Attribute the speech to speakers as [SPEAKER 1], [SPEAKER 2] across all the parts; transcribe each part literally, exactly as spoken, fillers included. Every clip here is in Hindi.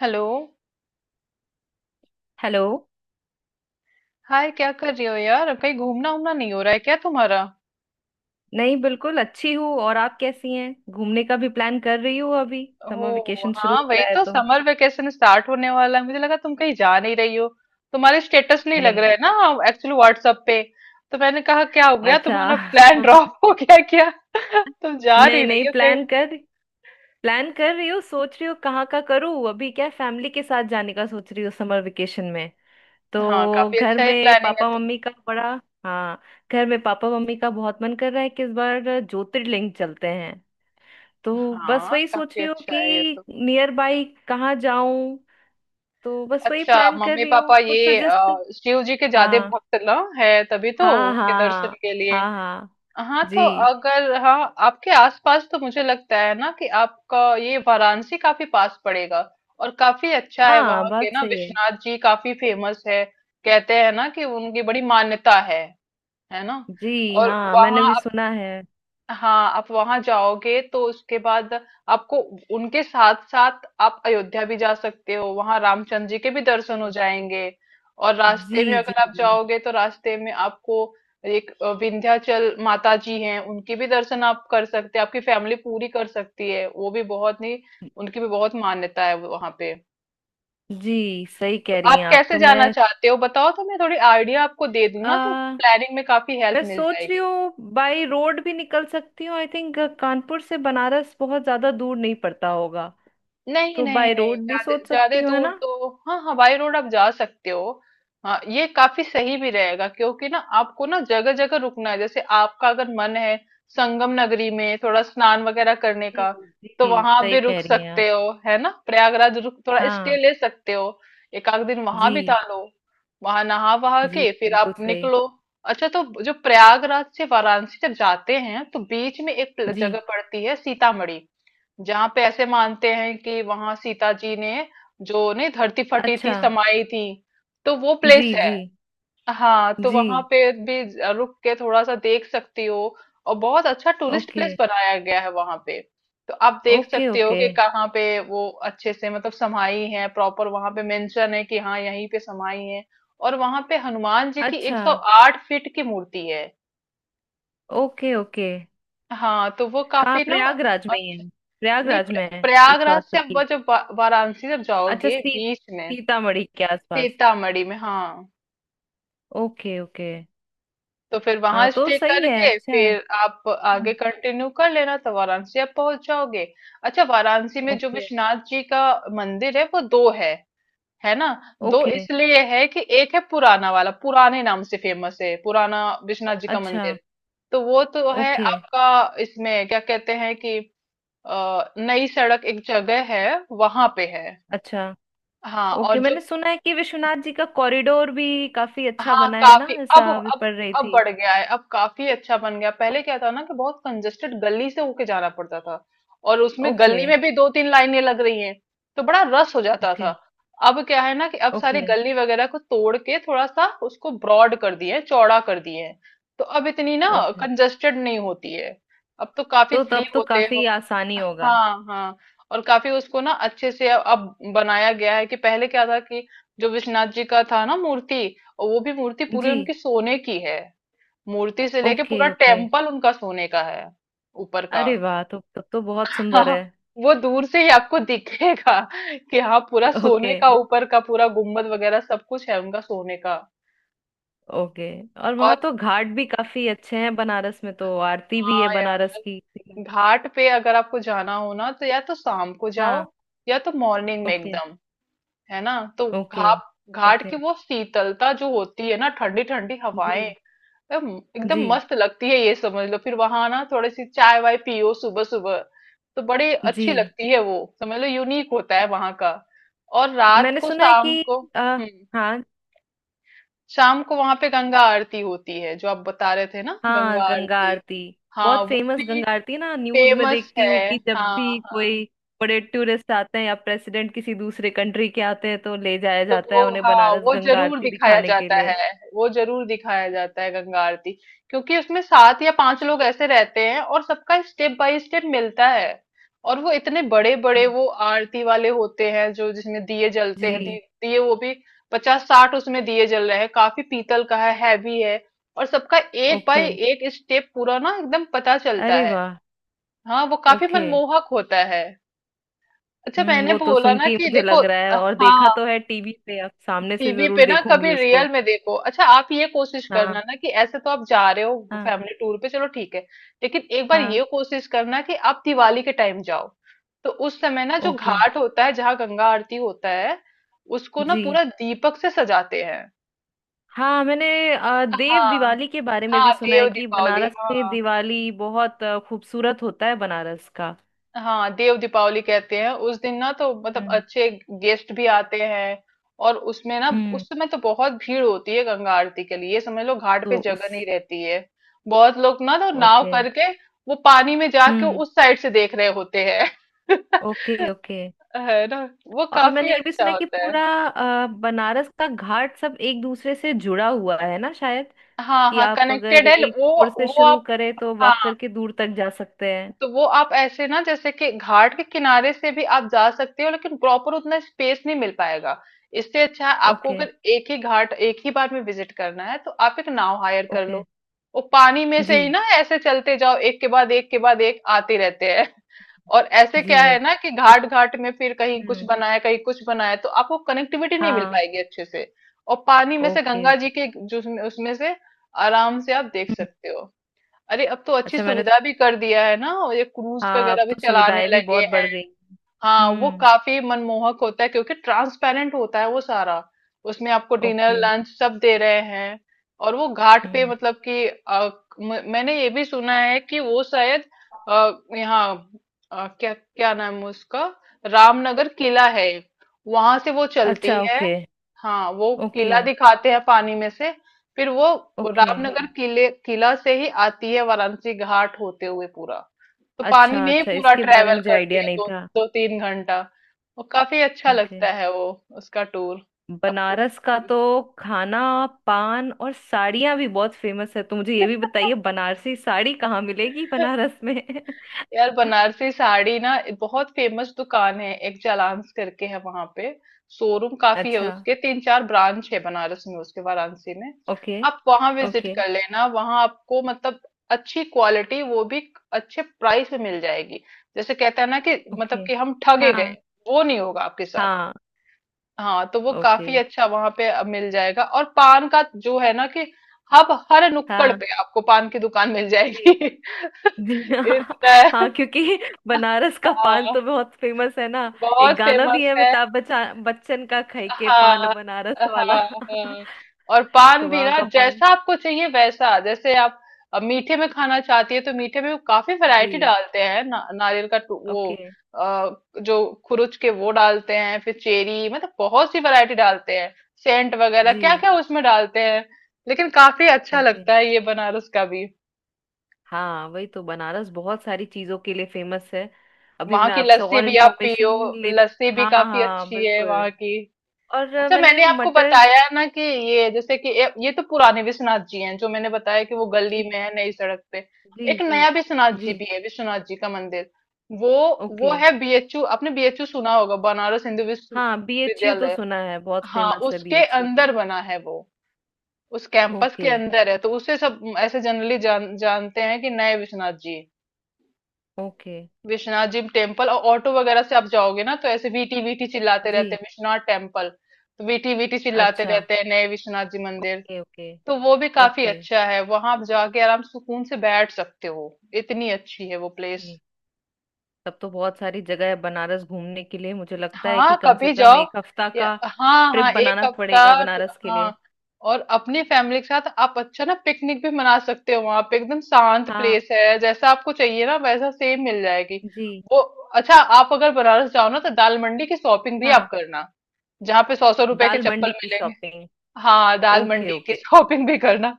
[SPEAKER 1] हेलो।
[SPEAKER 2] हेलो।
[SPEAKER 1] हाय, क्या कर रही हो यार? कहीं घूमना उमना नहीं हो रहा है क्या तुम्हारा?
[SPEAKER 2] नहीं, बिल्कुल अच्छी हूँ। और आप कैसी हैं? घूमने का भी प्लान कर रही हूँ अभी। समर
[SPEAKER 1] ओ
[SPEAKER 2] वेकेशन शुरू
[SPEAKER 1] हाँ,
[SPEAKER 2] हो
[SPEAKER 1] वही
[SPEAKER 2] रहा है
[SPEAKER 1] तो,
[SPEAKER 2] तो।
[SPEAKER 1] समर वेकेशन स्टार्ट होने वाला है, मुझे लगा तुम कहीं जा नहीं रही हो। तुम्हारे स्टेटस नहीं लग रहे
[SPEAKER 2] नहीं।
[SPEAKER 1] हैं ना एक्चुअली व्हाट्सएप पे, तो मैंने कहा क्या हो गया,
[SPEAKER 2] अच्छा।
[SPEAKER 1] तुम्हारा प्लान ड्रॉप हो गया क्या तुम जा
[SPEAKER 2] नहीं
[SPEAKER 1] नहीं
[SPEAKER 2] नहीं,
[SPEAKER 1] रही हो कहीं?
[SPEAKER 2] प्लान कर प्लान कर रही हूँ। सोच रही हूँ कहाँ का करूँ। अभी क्या फैमिली के साथ जाने का सोच रही हूँ समर वेकेशन में।
[SPEAKER 1] हाँ,
[SPEAKER 2] तो
[SPEAKER 1] काफी
[SPEAKER 2] घर
[SPEAKER 1] अच्छा ये
[SPEAKER 2] में
[SPEAKER 1] प्लानिंग है
[SPEAKER 2] पापा
[SPEAKER 1] तो।
[SPEAKER 2] मम्मी का बड़ा। हाँ। घर में पापा मम्मी का बहुत मन कर रहा है कि इस बार ज्योतिर्लिंग चलते हैं। तो बस
[SPEAKER 1] हाँ
[SPEAKER 2] वही सोच
[SPEAKER 1] काफी
[SPEAKER 2] रही हूँ
[SPEAKER 1] अच्छा है ये
[SPEAKER 2] कि
[SPEAKER 1] तो।
[SPEAKER 2] नियर बाई कहाँ जाऊं। तो बस वही
[SPEAKER 1] अच्छा,
[SPEAKER 2] प्लान कर
[SPEAKER 1] मम्मी
[SPEAKER 2] रही हूँ,
[SPEAKER 1] पापा
[SPEAKER 2] कुछ
[SPEAKER 1] ये
[SPEAKER 2] सजेस्ट
[SPEAKER 1] अ,
[SPEAKER 2] कर।
[SPEAKER 1] शिव जी के ज्यादा
[SPEAKER 2] हाँ
[SPEAKER 1] भक्त ना है, तभी तो
[SPEAKER 2] हाँ
[SPEAKER 1] उनके
[SPEAKER 2] हाँ।
[SPEAKER 1] दर्शन
[SPEAKER 2] हाँ
[SPEAKER 1] के लिए।
[SPEAKER 2] हाँ हाँ।
[SPEAKER 1] हाँ,
[SPEAKER 2] जी
[SPEAKER 1] तो अगर हाँ आपके आसपास, तो मुझे लगता है ना कि आपका ये वाराणसी काफी पास पड़ेगा। और काफी अच्छा है,
[SPEAKER 2] हाँ,
[SPEAKER 1] वहाँ के
[SPEAKER 2] बात
[SPEAKER 1] ना
[SPEAKER 2] सही है।
[SPEAKER 1] विश्वनाथ जी काफी फेमस है। कहते हैं ना कि उनकी बड़ी मान्यता है है ना।
[SPEAKER 2] जी
[SPEAKER 1] और
[SPEAKER 2] हाँ, मैंने
[SPEAKER 1] वहाँ
[SPEAKER 2] भी सुना है।
[SPEAKER 1] हाँ आप वहां जाओगे तो उसके बाद आपको उनके साथ साथ आप अयोध्या भी जा सकते हो, वहां रामचंद्र जी के भी दर्शन हो
[SPEAKER 2] जी
[SPEAKER 1] जाएंगे। और
[SPEAKER 2] जी
[SPEAKER 1] रास्ते में
[SPEAKER 2] जी।
[SPEAKER 1] अगर आप
[SPEAKER 2] जी
[SPEAKER 1] जाओगे तो रास्ते में आपको एक अ, विंध्याचल माता जी हैं, उनके भी दर्शन आप कर सकते हैं, आपकी फैमिली पूरी कर सकती है, वो भी बहुत नहीं। उनकी भी बहुत मान्यता है वहां पे।
[SPEAKER 2] जी, सही
[SPEAKER 1] तो
[SPEAKER 2] कह रही हैं
[SPEAKER 1] आप
[SPEAKER 2] आप।
[SPEAKER 1] कैसे
[SPEAKER 2] तो
[SPEAKER 1] जाना
[SPEAKER 2] मैं
[SPEAKER 1] चाहते हो बताओ, तो मैं थोड़ी आइडिया आपको दे दूं ना, तो
[SPEAKER 2] आ,
[SPEAKER 1] प्लानिंग में काफी हेल्प
[SPEAKER 2] मैं
[SPEAKER 1] मिल
[SPEAKER 2] सोच रही
[SPEAKER 1] जाएगी।
[SPEAKER 2] हूँ बाई रोड भी निकल सकती हूँ। आई थिंक कानपुर से बनारस बहुत ज्यादा दूर नहीं पड़ता होगा।
[SPEAKER 1] नहीं
[SPEAKER 2] तो
[SPEAKER 1] नहीं
[SPEAKER 2] बाई
[SPEAKER 1] नहीं
[SPEAKER 2] रोड भी
[SPEAKER 1] ज्यादा
[SPEAKER 2] सोच
[SPEAKER 1] ज्यादा
[SPEAKER 2] सकती हूँ, है
[SPEAKER 1] दूर
[SPEAKER 2] ना?
[SPEAKER 1] तो, हाँ, हवाई रोड आप जा सकते हो। हाँ, ये काफी सही भी रहेगा क्योंकि ना आपको ना जगह जगह रुकना है। जैसे आपका अगर मन है संगम नगरी में थोड़ा स्नान वगैरह करने
[SPEAKER 2] जी।
[SPEAKER 1] का, तो
[SPEAKER 2] जी,
[SPEAKER 1] वहां आप
[SPEAKER 2] सही
[SPEAKER 1] भी रुक
[SPEAKER 2] कह रही हैं आप।
[SPEAKER 1] सकते हो, है ना। प्रयागराज रुक, थोड़ा स्टे
[SPEAKER 2] हाँ।
[SPEAKER 1] ले सकते हो, एक आध दिन वहां
[SPEAKER 2] जी
[SPEAKER 1] बिता लो। वहां नहा वहा
[SPEAKER 2] जी,
[SPEAKER 1] के फिर
[SPEAKER 2] बिल्कुल
[SPEAKER 1] आप
[SPEAKER 2] सही।
[SPEAKER 1] निकलो। अच्छा, तो जो प्रयागराज से वाराणसी जब जाते हैं तो बीच में एक प्ल-
[SPEAKER 2] जी।
[SPEAKER 1] जगह पड़ती है सीतामढ़ी। जहाँ पे ऐसे मानते हैं कि वहां सीता जी ने जो नहीं धरती फटी थी,
[SPEAKER 2] अच्छा।
[SPEAKER 1] समाई थी। तो वो
[SPEAKER 2] जी
[SPEAKER 1] प्लेस है।
[SPEAKER 2] जी
[SPEAKER 1] हाँ, तो
[SPEAKER 2] जी।
[SPEAKER 1] वहां पे भी रुक के थोड़ा सा देख सकती हो। और बहुत अच्छा टूरिस्ट
[SPEAKER 2] ओके
[SPEAKER 1] प्लेस बनाया गया है वहां पे। तो आप देख
[SPEAKER 2] ओके
[SPEAKER 1] सकते हो
[SPEAKER 2] ओके।
[SPEAKER 1] कि कहाँ पे वो अच्छे से मतलब समाई है। प्रॉपर वहां पे मेंशन है कि हाँ, यहीं पे समाई है। और वहां पे हनुमान जी की
[SPEAKER 2] अच्छा।
[SPEAKER 1] एक सौ आठ फीट की मूर्ति है।
[SPEAKER 2] Okay okay.
[SPEAKER 1] हाँ तो वो
[SPEAKER 2] कहाँ,
[SPEAKER 1] काफी ना
[SPEAKER 2] प्रयागराज में ही
[SPEAKER 1] अच्छा।
[SPEAKER 2] है?
[SPEAKER 1] नहीं,
[SPEAKER 2] प्रयागराज
[SPEAKER 1] प्र-
[SPEAKER 2] में है एक सौ
[SPEAKER 1] प्रयागराज से
[SPEAKER 2] अड़सठ
[SPEAKER 1] अब
[SPEAKER 2] की?
[SPEAKER 1] वो जब वा- वाराणसी जब
[SPEAKER 2] अच्छा।
[SPEAKER 1] जाओगे
[SPEAKER 2] सी,
[SPEAKER 1] बीच में,
[SPEAKER 2] सीतामढ़ी के आसपास।
[SPEAKER 1] सीतामढ़ी में, हाँ।
[SPEAKER 2] Okay okay.
[SPEAKER 1] तो फिर
[SPEAKER 2] हाँ
[SPEAKER 1] वहां
[SPEAKER 2] तो
[SPEAKER 1] स्टे
[SPEAKER 2] सही है,
[SPEAKER 1] करके
[SPEAKER 2] अच्छा है।
[SPEAKER 1] फिर आप
[SPEAKER 2] हाँ।
[SPEAKER 1] आगे कंटिन्यू कर लेना, तो वाराणसी आप पहुंच जाओगे। अच्छा, वाराणसी में जो
[SPEAKER 2] ओके
[SPEAKER 1] विश्वनाथ जी का मंदिर है वो दो है है ना। दो
[SPEAKER 2] ओके।
[SPEAKER 1] इसलिए है कि एक है पुराना वाला, पुराने नाम से फेमस है, पुराना विश्वनाथ जी का
[SPEAKER 2] अच्छा।
[SPEAKER 1] मंदिर। तो वो तो है
[SPEAKER 2] ओके।
[SPEAKER 1] आपका, इसमें क्या कहते हैं कि अ, नई सड़क, एक जगह है, वहां पे है।
[SPEAKER 2] अच्छा।
[SPEAKER 1] हाँ और
[SPEAKER 2] ओके,
[SPEAKER 1] जो
[SPEAKER 2] मैंने सुना है कि विश्वनाथ जी का कॉरिडोर भी काफी अच्छा
[SPEAKER 1] हाँ
[SPEAKER 2] बना है ना,
[SPEAKER 1] काफी अब
[SPEAKER 2] ऐसा भी
[SPEAKER 1] अब
[SPEAKER 2] पढ़ रही
[SPEAKER 1] अब
[SPEAKER 2] थी।
[SPEAKER 1] बढ़ गया है, अब काफी अच्छा बन गया। पहले क्या था ना कि बहुत कंजेस्टेड गली से होके जाना पड़ता था। और उसमें
[SPEAKER 2] ओके
[SPEAKER 1] गली में भी दो तीन लाइनें लग रही हैं, तो बड़ा रस हो जाता
[SPEAKER 2] ओके।
[SPEAKER 1] था। अब क्या है ना कि अब सारी
[SPEAKER 2] ओके
[SPEAKER 1] गली वगैरह को तोड़ के थोड़ा सा उसको ब्रॉड कर दिए हैं, चौड़ा कर दिए हैं। तो अब इतनी ना
[SPEAKER 2] ओके।
[SPEAKER 1] कंजेस्टेड नहीं होती है, अब तो काफी
[SPEAKER 2] तो
[SPEAKER 1] फ्री
[SPEAKER 2] तब तो
[SPEAKER 1] होते
[SPEAKER 2] काफी
[SPEAKER 1] हो।
[SPEAKER 2] आसानी होगा।
[SPEAKER 1] हाँ हाँ, और काफी उसको ना अच्छे से अब अब बनाया गया है। कि पहले क्या था कि जो विश्वनाथ जी का था ना मूर्ति, और वो भी मूर्ति पूरे
[SPEAKER 2] जी।
[SPEAKER 1] उनकी सोने की है। मूर्ति से लेके
[SPEAKER 2] ओके
[SPEAKER 1] पूरा
[SPEAKER 2] ओके।
[SPEAKER 1] टेम्पल उनका सोने का है, ऊपर का।
[SPEAKER 2] अरे वाह, तो तब तो बहुत सुंदर
[SPEAKER 1] हाँ,
[SPEAKER 2] है।
[SPEAKER 1] वो दूर से ही आपको दिखेगा कि हाँ पूरा सोने
[SPEAKER 2] ओके
[SPEAKER 1] का, ऊपर का पूरा गुम्बद वगैरह सब कुछ है उनका सोने का।
[SPEAKER 2] ओके। और
[SPEAKER 1] और
[SPEAKER 2] वहां तो घाट भी काफी अच्छे हैं बनारस में, तो आरती भी है
[SPEAKER 1] हाँ यार,
[SPEAKER 2] बनारस की।
[SPEAKER 1] घाट पे अगर आपको जाना हो ना तो या तो शाम को जाओ,
[SPEAKER 2] हाँ।
[SPEAKER 1] या तो मॉर्निंग में
[SPEAKER 2] ओके
[SPEAKER 1] एकदम, है ना। तो
[SPEAKER 2] ओके
[SPEAKER 1] घाप घाट की
[SPEAKER 2] ओके।
[SPEAKER 1] वो शीतलता जो होती है ना, ठंडी ठंडी हवाएं,
[SPEAKER 2] जी
[SPEAKER 1] एकदम
[SPEAKER 2] जी
[SPEAKER 1] एकदम मस्त लगती है, ये समझ लो। फिर वहां ना थोड़ी सी चाय वाय पियो सुबह सुबह, तो बड़ी
[SPEAKER 2] जी,
[SPEAKER 1] अच्छी लगती है वो। समझ लो यूनिक होता है वहां का। और रात
[SPEAKER 2] मैंने
[SPEAKER 1] को,
[SPEAKER 2] सुना है
[SPEAKER 1] शाम
[SPEAKER 2] कि
[SPEAKER 1] को,
[SPEAKER 2] आ,
[SPEAKER 1] हम्म,
[SPEAKER 2] हाँ,
[SPEAKER 1] शाम को वहां पे गंगा आरती होती है, जो आप बता रहे थे ना,
[SPEAKER 2] हाँ,
[SPEAKER 1] गंगा
[SPEAKER 2] गंगा
[SPEAKER 1] आरती,
[SPEAKER 2] आरती
[SPEAKER 1] हाँ,
[SPEAKER 2] बहुत
[SPEAKER 1] वो
[SPEAKER 2] फेमस
[SPEAKER 1] भी
[SPEAKER 2] गंगा आरती है ना। न्यूज में
[SPEAKER 1] फेमस
[SPEAKER 2] देखती
[SPEAKER 1] है।
[SPEAKER 2] हूँ कि जब
[SPEAKER 1] हाँ
[SPEAKER 2] भी
[SPEAKER 1] हाँ,
[SPEAKER 2] कोई बड़े टूरिस्ट आते हैं या प्रेसिडेंट किसी दूसरे कंट्री के आते हैं, तो ले जाया
[SPEAKER 1] तो
[SPEAKER 2] जाता
[SPEAKER 1] वो
[SPEAKER 2] है उन्हें
[SPEAKER 1] हाँ
[SPEAKER 2] बनारस
[SPEAKER 1] वो
[SPEAKER 2] गंगा
[SPEAKER 1] जरूर
[SPEAKER 2] आरती
[SPEAKER 1] दिखाया
[SPEAKER 2] दिखाने के
[SPEAKER 1] जाता
[SPEAKER 2] लिए।
[SPEAKER 1] है, वो जरूर दिखाया जाता है गंगा आरती। क्योंकि उसमें सात या पांच लोग ऐसे रहते हैं, और सबका स्टेप बाय स्टेप मिलता है। और वो इतने बड़े बड़े
[SPEAKER 2] हम्म।
[SPEAKER 1] वो आरती वाले होते हैं जो जिसमें दिए जलते हैं,
[SPEAKER 2] जी।
[SPEAKER 1] दी- दिए, वो भी पचास साठ उसमें दिए जल रहे हैं, काफी पीतल का है, हैवी है। और सबका एक
[SPEAKER 2] ओके।
[SPEAKER 1] बाय एक स्टेप पूरा ना एकदम पता चलता
[SPEAKER 2] अरे
[SPEAKER 1] है।
[SPEAKER 2] वाह।
[SPEAKER 1] हाँ, वो काफी
[SPEAKER 2] ओके।
[SPEAKER 1] मनमोहक होता है। अच्छा
[SPEAKER 2] हम्म,
[SPEAKER 1] मैंने
[SPEAKER 2] वो तो
[SPEAKER 1] बोला
[SPEAKER 2] सुन
[SPEAKER 1] ना
[SPEAKER 2] के ही
[SPEAKER 1] कि
[SPEAKER 2] मुझे
[SPEAKER 1] देखो,
[SPEAKER 2] लग रहा है और देखा
[SPEAKER 1] हाँ,
[SPEAKER 2] तो है टीवी पे, अब सामने से
[SPEAKER 1] टीवी
[SPEAKER 2] जरूर
[SPEAKER 1] पे ना
[SPEAKER 2] देखूंगी
[SPEAKER 1] कभी
[SPEAKER 2] उसको।
[SPEAKER 1] रियल में देखो। अच्छा आप ये कोशिश
[SPEAKER 2] हाँ
[SPEAKER 1] करना ना कि ऐसे तो आप जा रहे हो
[SPEAKER 2] हाँ
[SPEAKER 1] फैमिली टूर पे, चलो ठीक है, लेकिन एक बार
[SPEAKER 2] हाँ।
[SPEAKER 1] ये कोशिश करना कि आप दिवाली के टाइम जाओ। तो उस समय ना जो
[SPEAKER 2] ओके।
[SPEAKER 1] घाट होता है जहाँ गंगा आरती होता है, उसको ना
[SPEAKER 2] जी
[SPEAKER 1] पूरा दीपक से सजाते हैं।
[SPEAKER 2] हाँ, मैंने अ, देव
[SPEAKER 1] हाँ
[SPEAKER 2] दिवाली के बारे में
[SPEAKER 1] हाँ,
[SPEAKER 2] भी सुना
[SPEAKER 1] देव
[SPEAKER 2] है कि
[SPEAKER 1] दीपावली,
[SPEAKER 2] बनारस में
[SPEAKER 1] हाँ।
[SPEAKER 2] दिवाली बहुत अ, खूबसूरत होता है बनारस का।
[SPEAKER 1] हाँ, देव दीपावली कहते हैं। उस दिन ना तो मतलब
[SPEAKER 2] हम्म।
[SPEAKER 1] अच्छे गेस्ट भी आते हैं, और उसमें ना
[SPEAKER 2] हम्म,
[SPEAKER 1] उस समय तो बहुत भीड़ होती है गंगा आरती के लिए। समझ लो घाट पे
[SPEAKER 2] तो
[SPEAKER 1] जगह
[SPEAKER 2] उस।
[SPEAKER 1] नहीं रहती है, बहुत लोग ना तो नाव
[SPEAKER 2] ओके।
[SPEAKER 1] करके वो पानी में जाके
[SPEAKER 2] हम्म।
[SPEAKER 1] उस साइड से देख रहे होते हैं।
[SPEAKER 2] Okay okay.
[SPEAKER 1] है ना, वो
[SPEAKER 2] और
[SPEAKER 1] काफी
[SPEAKER 2] मैंने ये भी
[SPEAKER 1] अच्छा
[SPEAKER 2] सुना है कि
[SPEAKER 1] होता है।
[SPEAKER 2] पूरा अ, बनारस का घाट सब एक दूसरे से जुड़ा हुआ है ना शायद,
[SPEAKER 1] हाँ
[SPEAKER 2] कि
[SPEAKER 1] हाँ
[SPEAKER 2] आप अगर
[SPEAKER 1] कनेक्टेड है
[SPEAKER 2] एक
[SPEAKER 1] वो।
[SPEAKER 2] छोर से
[SPEAKER 1] वो
[SPEAKER 2] शुरू
[SPEAKER 1] आप,
[SPEAKER 2] करें तो वॉक
[SPEAKER 1] हाँ,
[SPEAKER 2] करके दूर तक जा सकते हैं।
[SPEAKER 1] तो वो आप ऐसे ना, जैसे कि घाट के किनारे से भी आप जा सकते हो, लेकिन प्रॉपर उतना स्पेस नहीं मिल पाएगा। इससे अच्छा है, आपको
[SPEAKER 2] ओके
[SPEAKER 1] अगर एक ही घाट एक ही बार में विजिट करना है, तो आप एक नाव हायर कर
[SPEAKER 2] ओके।
[SPEAKER 1] लो। वो पानी में से
[SPEAKER 2] जी
[SPEAKER 1] ही ना ऐसे चलते जाओ, एक के बाद एक के बाद एक आते रहते हैं। और ऐसे क्या है
[SPEAKER 2] जी।
[SPEAKER 1] ना कि घाट घाट में फिर कहीं कुछ
[SPEAKER 2] हम्म।
[SPEAKER 1] बनाया, कहीं कुछ बनाया, तो आपको कनेक्टिविटी नहीं मिल
[SPEAKER 2] हाँ।
[SPEAKER 1] पाएगी अच्छे से। और पानी में से
[SPEAKER 2] ओके
[SPEAKER 1] गंगा जी
[SPEAKER 2] ओके।
[SPEAKER 1] के जो उसमें उसमें से आराम से आप देख
[SPEAKER 2] हम्म।
[SPEAKER 1] सकते हो। अरे अब तो अच्छी
[SPEAKER 2] अच्छा, मैंने।
[SPEAKER 1] सुविधा भी कर दिया है ना, और ये क्रूज
[SPEAKER 2] हाँ,
[SPEAKER 1] वगैरह
[SPEAKER 2] अब
[SPEAKER 1] भी
[SPEAKER 2] तो
[SPEAKER 1] चलाने
[SPEAKER 2] सुविधाएं भी
[SPEAKER 1] लगे
[SPEAKER 2] बहुत
[SPEAKER 1] हैं।
[SPEAKER 2] बढ़ गई।
[SPEAKER 1] हाँ, वो
[SPEAKER 2] हम्म।
[SPEAKER 1] काफी मनमोहक होता है क्योंकि ट्रांसपेरेंट होता है वो सारा। उसमें आपको डिनर
[SPEAKER 2] ओके।
[SPEAKER 1] लंच सब दे रहे हैं। और वो घाट पे
[SPEAKER 2] हम्म।
[SPEAKER 1] मतलब कि अ, म- मैंने ये भी सुना है कि वो शायद अ, यहाँ अ, क्या क्या नाम है उसका, रामनगर किला है, वहां से वो चलती
[SPEAKER 2] अच्छा।
[SPEAKER 1] है।
[SPEAKER 2] ओके
[SPEAKER 1] हाँ, वो
[SPEAKER 2] ओके
[SPEAKER 1] किला दिखाते हैं पानी में से। फिर वो
[SPEAKER 2] ओके।
[SPEAKER 1] रामनगर किले किला से ही आती है वाराणसी घाट होते हुए पूरा। तो पानी
[SPEAKER 2] अच्छा
[SPEAKER 1] में ही
[SPEAKER 2] अच्छा,
[SPEAKER 1] पूरा
[SPEAKER 2] इसके बारे में
[SPEAKER 1] ट्रेवल
[SPEAKER 2] मुझे आइडिया
[SPEAKER 1] करती है,
[SPEAKER 2] नहीं
[SPEAKER 1] दो
[SPEAKER 2] था।
[SPEAKER 1] दो तीन घंटा। वो काफी अच्छा
[SPEAKER 2] ओके।
[SPEAKER 1] लगता है वो, उसका टूर आपको।
[SPEAKER 2] बनारस का तो खाना, पान और साड़ियां भी बहुत फेमस है, तो मुझे ये भी बताइए बनारसी साड़ी कहाँ मिलेगी बनारस में?
[SPEAKER 1] यार, बनारसी साड़ी ना बहुत फेमस दुकान है, एक जालांस करके है वहां पे। शोरूम काफी है
[SPEAKER 2] अच्छा।
[SPEAKER 1] उसके, तीन चार ब्रांच है बनारस में उसके, वाराणसी में,
[SPEAKER 2] ओके
[SPEAKER 1] तो आप वहां विजिट
[SPEAKER 2] ओके
[SPEAKER 1] कर लेना, वहां आपको मतलब अच्छी क्वालिटी वो भी अच्छे प्राइस में मिल जाएगी। जैसे कहते हैं ना कि मतलब
[SPEAKER 2] ओके।
[SPEAKER 1] कि हम ठगे गए,
[SPEAKER 2] हाँ
[SPEAKER 1] वो नहीं होगा आपके साथ।
[SPEAKER 2] हाँ।
[SPEAKER 1] हाँ, तो वो
[SPEAKER 2] ओके।
[SPEAKER 1] काफी अच्छा वहां पे मिल जाएगा। और पान का जो है ना कि हब, हर नुक्कड़
[SPEAKER 2] हाँ।
[SPEAKER 1] पे आपको पान की दुकान मिल जाएगी।
[SPEAKER 2] जी। जी हाँ। हाँ,
[SPEAKER 1] इतना,
[SPEAKER 2] क्योंकि बनारस का पान
[SPEAKER 1] हाँ,
[SPEAKER 2] तो बहुत फेमस है ना। एक
[SPEAKER 1] बहुत
[SPEAKER 2] गाना भी
[SPEAKER 1] फेमस
[SPEAKER 2] है,
[SPEAKER 1] है।
[SPEAKER 2] अमिताभ बच्चन बच्चन का, खै के
[SPEAKER 1] हाँ
[SPEAKER 2] पान बनारस
[SPEAKER 1] हाँ,
[SPEAKER 2] वाला।
[SPEAKER 1] हाँ और पान
[SPEAKER 2] तो
[SPEAKER 1] भी
[SPEAKER 2] वहाँ
[SPEAKER 1] ना
[SPEAKER 2] का पान।
[SPEAKER 1] जैसा आपको चाहिए वैसा, जैसे आप अ, मीठे में खाना चाहती है तो मीठे में वो काफी वैरायटी
[SPEAKER 2] जी।
[SPEAKER 1] डालते हैं ना, नारियल का टू- वो
[SPEAKER 2] ओके।
[SPEAKER 1] अ, जो खुरुच के वो डालते हैं, फिर चेरी मतलब बहुत सी वैरायटी डालते हैं, सेंट वगैरह क्या
[SPEAKER 2] जी।
[SPEAKER 1] क्या उसमें डालते हैं। लेकिन काफी अच्छा
[SPEAKER 2] ओके।
[SPEAKER 1] लगता है ये बनारस का भी।
[SPEAKER 2] हाँ, वही तो, बनारस बहुत सारी चीजों के लिए फेमस है। अभी
[SPEAKER 1] वहां
[SPEAKER 2] मैं
[SPEAKER 1] की
[SPEAKER 2] आपसे
[SPEAKER 1] लस्सी
[SPEAKER 2] और
[SPEAKER 1] भी आप पियो,
[SPEAKER 2] इन्फॉर्मेशन ले।
[SPEAKER 1] लस्सी भी
[SPEAKER 2] हाँ
[SPEAKER 1] काफी
[SPEAKER 2] हाँ
[SPEAKER 1] अच्छी है
[SPEAKER 2] बिल्कुल।
[SPEAKER 1] वहां की।
[SPEAKER 2] और अ,
[SPEAKER 1] अच्छा
[SPEAKER 2] मैंने
[SPEAKER 1] मैंने आपको
[SPEAKER 2] मटर।
[SPEAKER 1] बताया ना कि ये जैसे कि ये ये तो पुराने विश्वनाथ जी हैं जो मैंने बताया कि वो गली
[SPEAKER 2] जी
[SPEAKER 1] में है नई सड़क पे।
[SPEAKER 2] जी
[SPEAKER 1] एक
[SPEAKER 2] जी
[SPEAKER 1] नया विश्वनाथ जी
[SPEAKER 2] जी।
[SPEAKER 1] भी है, विश्वनाथ जी का मंदिर, वो वो
[SPEAKER 2] ओके।
[SPEAKER 1] है बीएचयू, आपने बीएचयू सुना होगा, बनारस हिंदू
[SPEAKER 2] हाँ, बीएचयू तो
[SPEAKER 1] विश्वविद्यालय।
[SPEAKER 2] सुना है, बहुत
[SPEAKER 1] हाँ
[SPEAKER 2] फेमस है
[SPEAKER 1] उसके
[SPEAKER 2] बीएचयू तो।
[SPEAKER 1] अंदर बना है वो, उस कैंपस के
[SPEAKER 2] ओके
[SPEAKER 1] अंदर है, तो उसे सब ऐसे जनरली जान, जानते हैं कि नए विश्वनाथ जी
[SPEAKER 2] ओके।
[SPEAKER 1] विश्वनाथ जी टेम्पल। और ऑटो वगैरह से आप जाओगे ना तो ऐसे वीटी वीटी चिल्लाते
[SPEAKER 2] जी।
[SPEAKER 1] रहते हैं, विश्वनाथ टेम्पल तो वीटी वीटी चिल्लाते
[SPEAKER 2] अच्छा।
[SPEAKER 1] रहते हैं, नए विश्वनाथ जी मंदिर।
[SPEAKER 2] ओके ओके
[SPEAKER 1] तो वो भी काफी
[SPEAKER 2] ओके।
[SPEAKER 1] अच्छा है, वहां आप जाके आराम से सुकून से बैठ सकते हो। इतनी अच्छी है वो प्लेस।
[SPEAKER 2] जी। तब तो बहुत सारी जगह है बनारस घूमने के लिए। मुझे लगता है
[SPEAKER 1] हाँ
[SPEAKER 2] कि कम से
[SPEAKER 1] कभी
[SPEAKER 2] कम
[SPEAKER 1] जाओ,
[SPEAKER 2] एक हफ्ता
[SPEAKER 1] या,
[SPEAKER 2] का
[SPEAKER 1] हाँ
[SPEAKER 2] ट्रिप
[SPEAKER 1] हाँ, एक
[SPEAKER 2] बनाना
[SPEAKER 1] हफ्ता,
[SPEAKER 2] पड़ेगा बनारस के लिए।
[SPEAKER 1] हाँ। और अपनी फैमिली के साथ आप अच्छा ना पिकनिक भी मना सकते हो, वहां पे एकदम शांत
[SPEAKER 2] हाँ।
[SPEAKER 1] प्लेस है, जैसा आपको चाहिए ना वैसा सेम मिल जाएगी
[SPEAKER 2] जी।
[SPEAKER 1] वो। अच्छा, आप अगर बनारस जाओ ना तो दाल मंडी की शॉपिंग भी
[SPEAKER 2] हाँ,
[SPEAKER 1] आप करना, जहाँ पे सौ सौ रुपए के
[SPEAKER 2] दाल मंडी
[SPEAKER 1] चप्पल
[SPEAKER 2] की
[SPEAKER 1] मिलेंगे।
[SPEAKER 2] शॉपिंग?
[SPEAKER 1] हाँ, दाल
[SPEAKER 2] ओके
[SPEAKER 1] मंडी की
[SPEAKER 2] ओके।
[SPEAKER 1] शॉपिंग भी करना,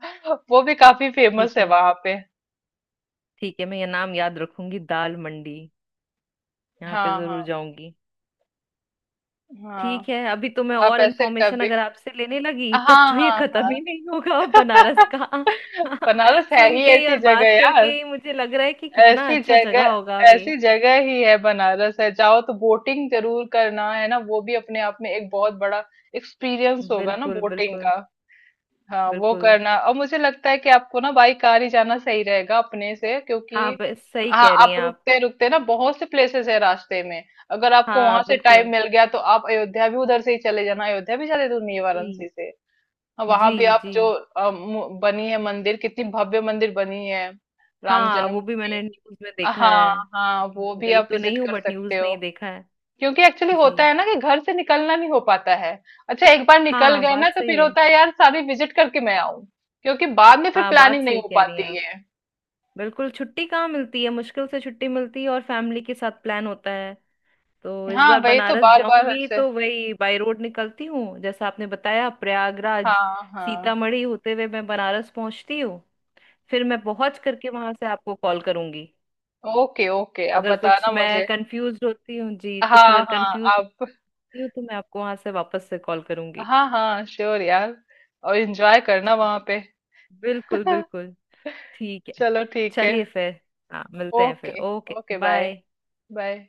[SPEAKER 1] वो भी काफी फेमस
[SPEAKER 2] ठीक
[SPEAKER 1] है
[SPEAKER 2] है।
[SPEAKER 1] वहां पे।
[SPEAKER 2] ठीक है, मैं ये नाम याद रखूंगी, दाल मंडी। यहाँ पे
[SPEAKER 1] हाँ हाँ,
[SPEAKER 2] जरूर जाऊंगी। ठीक
[SPEAKER 1] हाँ
[SPEAKER 2] है। अभी तो मैं
[SPEAKER 1] आप
[SPEAKER 2] और
[SPEAKER 1] ऐसे
[SPEAKER 2] इन्फॉर्मेशन
[SPEAKER 1] कभी,
[SPEAKER 2] अगर आपसे लेने लगी तब
[SPEAKER 1] हाँ
[SPEAKER 2] तो ये
[SPEAKER 1] हाँ
[SPEAKER 2] खत्म ही नहीं
[SPEAKER 1] हाँ।
[SPEAKER 2] होगा बनारस का।
[SPEAKER 1] बनारस है
[SPEAKER 2] सुन
[SPEAKER 1] ही
[SPEAKER 2] के ही
[SPEAKER 1] ऐसी
[SPEAKER 2] और
[SPEAKER 1] जगह
[SPEAKER 2] बात
[SPEAKER 1] यार।
[SPEAKER 2] करके ही मुझे लग रहा है कि कितना
[SPEAKER 1] ऐसी
[SPEAKER 2] अच्छा
[SPEAKER 1] जगह,
[SPEAKER 2] जगह होगा वे।
[SPEAKER 1] ऐसी जगह ही है बनारस, है जाओ तो बोटिंग जरूर करना, है ना, वो भी अपने आप में एक बहुत बड़ा एक्सपीरियंस होगा ना,
[SPEAKER 2] बिल्कुल
[SPEAKER 1] बोटिंग
[SPEAKER 2] बिल्कुल
[SPEAKER 1] का। हाँ, वो
[SPEAKER 2] बिल्कुल।
[SPEAKER 1] करना। और मुझे लगता है कि आपको ना बाई कार ही जाना सही रहेगा अपने से, क्योंकि
[SPEAKER 2] हाँ, बे- सही
[SPEAKER 1] हाँ
[SPEAKER 2] कह रही
[SPEAKER 1] आप
[SPEAKER 2] हैं आप।
[SPEAKER 1] रुकते रुकते ना बहुत से प्लेसेस है रास्ते में। अगर आपको
[SPEAKER 2] हाँ
[SPEAKER 1] वहां से टाइम
[SPEAKER 2] बिल्कुल।
[SPEAKER 1] मिल गया तो आप अयोध्या भी उधर से ही चले जाना, अयोध्या भी ज्यादा दूर नहीं है
[SPEAKER 2] जी
[SPEAKER 1] वाराणसी से। वहां
[SPEAKER 2] जी
[SPEAKER 1] भी आप
[SPEAKER 2] जी।
[SPEAKER 1] जो अ, मु- बनी है मंदिर, कितनी भव्य मंदिर बनी है, राम
[SPEAKER 2] हाँ, वो भी
[SPEAKER 1] जन्मभूमि।
[SPEAKER 2] मैंने न्यूज में देखा
[SPEAKER 1] हाँ
[SPEAKER 2] है।
[SPEAKER 1] हाँ, वो भी
[SPEAKER 2] गई
[SPEAKER 1] आप
[SPEAKER 2] तो
[SPEAKER 1] विजिट
[SPEAKER 2] नहीं हूँ
[SPEAKER 1] कर
[SPEAKER 2] बट
[SPEAKER 1] सकते
[SPEAKER 2] न्यूज में
[SPEAKER 1] हो,
[SPEAKER 2] ही देखा है।
[SPEAKER 1] क्योंकि एक्चुअली
[SPEAKER 2] जी।
[SPEAKER 1] होता है ना कि घर से निकलना नहीं हो पाता है। अच्छा एक बार निकल
[SPEAKER 2] हाँ,
[SPEAKER 1] गए ना
[SPEAKER 2] बात
[SPEAKER 1] तो
[SPEAKER 2] सही
[SPEAKER 1] फिर
[SPEAKER 2] है।
[SPEAKER 1] होता है यार, सारी विजिट करके मैं आऊं, क्योंकि बाद में फिर
[SPEAKER 2] हाँ, बात
[SPEAKER 1] प्लानिंग नहीं
[SPEAKER 2] सही
[SPEAKER 1] हो
[SPEAKER 2] कह रही हैं
[SPEAKER 1] पाती
[SPEAKER 2] आप।
[SPEAKER 1] है।
[SPEAKER 2] बिल्कुल, छुट्टी कहाँ मिलती है, मुश्किल से छुट्टी मिलती है और फैमिली के साथ प्लान होता है। तो इस
[SPEAKER 1] हाँ
[SPEAKER 2] बार
[SPEAKER 1] वही तो,
[SPEAKER 2] बनारस
[SPEAKER 1] बार बार
[SPEAKER 2] जाऊंगी
[SPEAKER 1] ऐसे,
[SPEAKER 2] तो वही बाय रोड निकलती हूँ जैसा आपने बताया, प्रयागराज,
[SPEAKER 1] हाँ हाँ।
[SPEAKER 2] सीतामढ़ी होते हुए मैं बनारस पहुंचती हूँ। फिर मैं पहुंच करके वहां से आपको कॉल करूंगी।
[SPEAKER 1] ओके ओके, आप
[SPEAKER 2] अगर कुछ
[SPEAKER 1] बताना
[SPEAKER 2] मैं
[SPEAKER 1] मुझे,
[SPEAKER 2] कंफ्यूज होती हूँ जी, कुछ
[SPEAKER 1] हाँ
[SPEAKER 2] अगर
[SPEAKER 1] हाँ,
[SPEAKER 2] कंफ्यूज
[SPEAKER 1] आप,
[SPEAKER 2] होती हूँ तो मैं आपको वहां से वापस से कॉल करूंगी।
[SPEAKER 1] हाँ हाँ श्योर यार। और एंजॉय करना
[SPEAKER 2] ठीक।
[SPEAKER 1] वहां पे।
[SPEAKER 2] बिल्कुल बिल्कुल। ठीक है।
[SPEAKER 1] चलो ठीक है,
[SPEAKER 2] चलिए फिर। हाँ, मिलते हैं फिर।
[SPEAKER 1] Okay,
[SPEAKER 2] okay
[SPEAKER 1] okay bye,
[SPEAKER 2] bye.
[SPEAKER 1] Bye.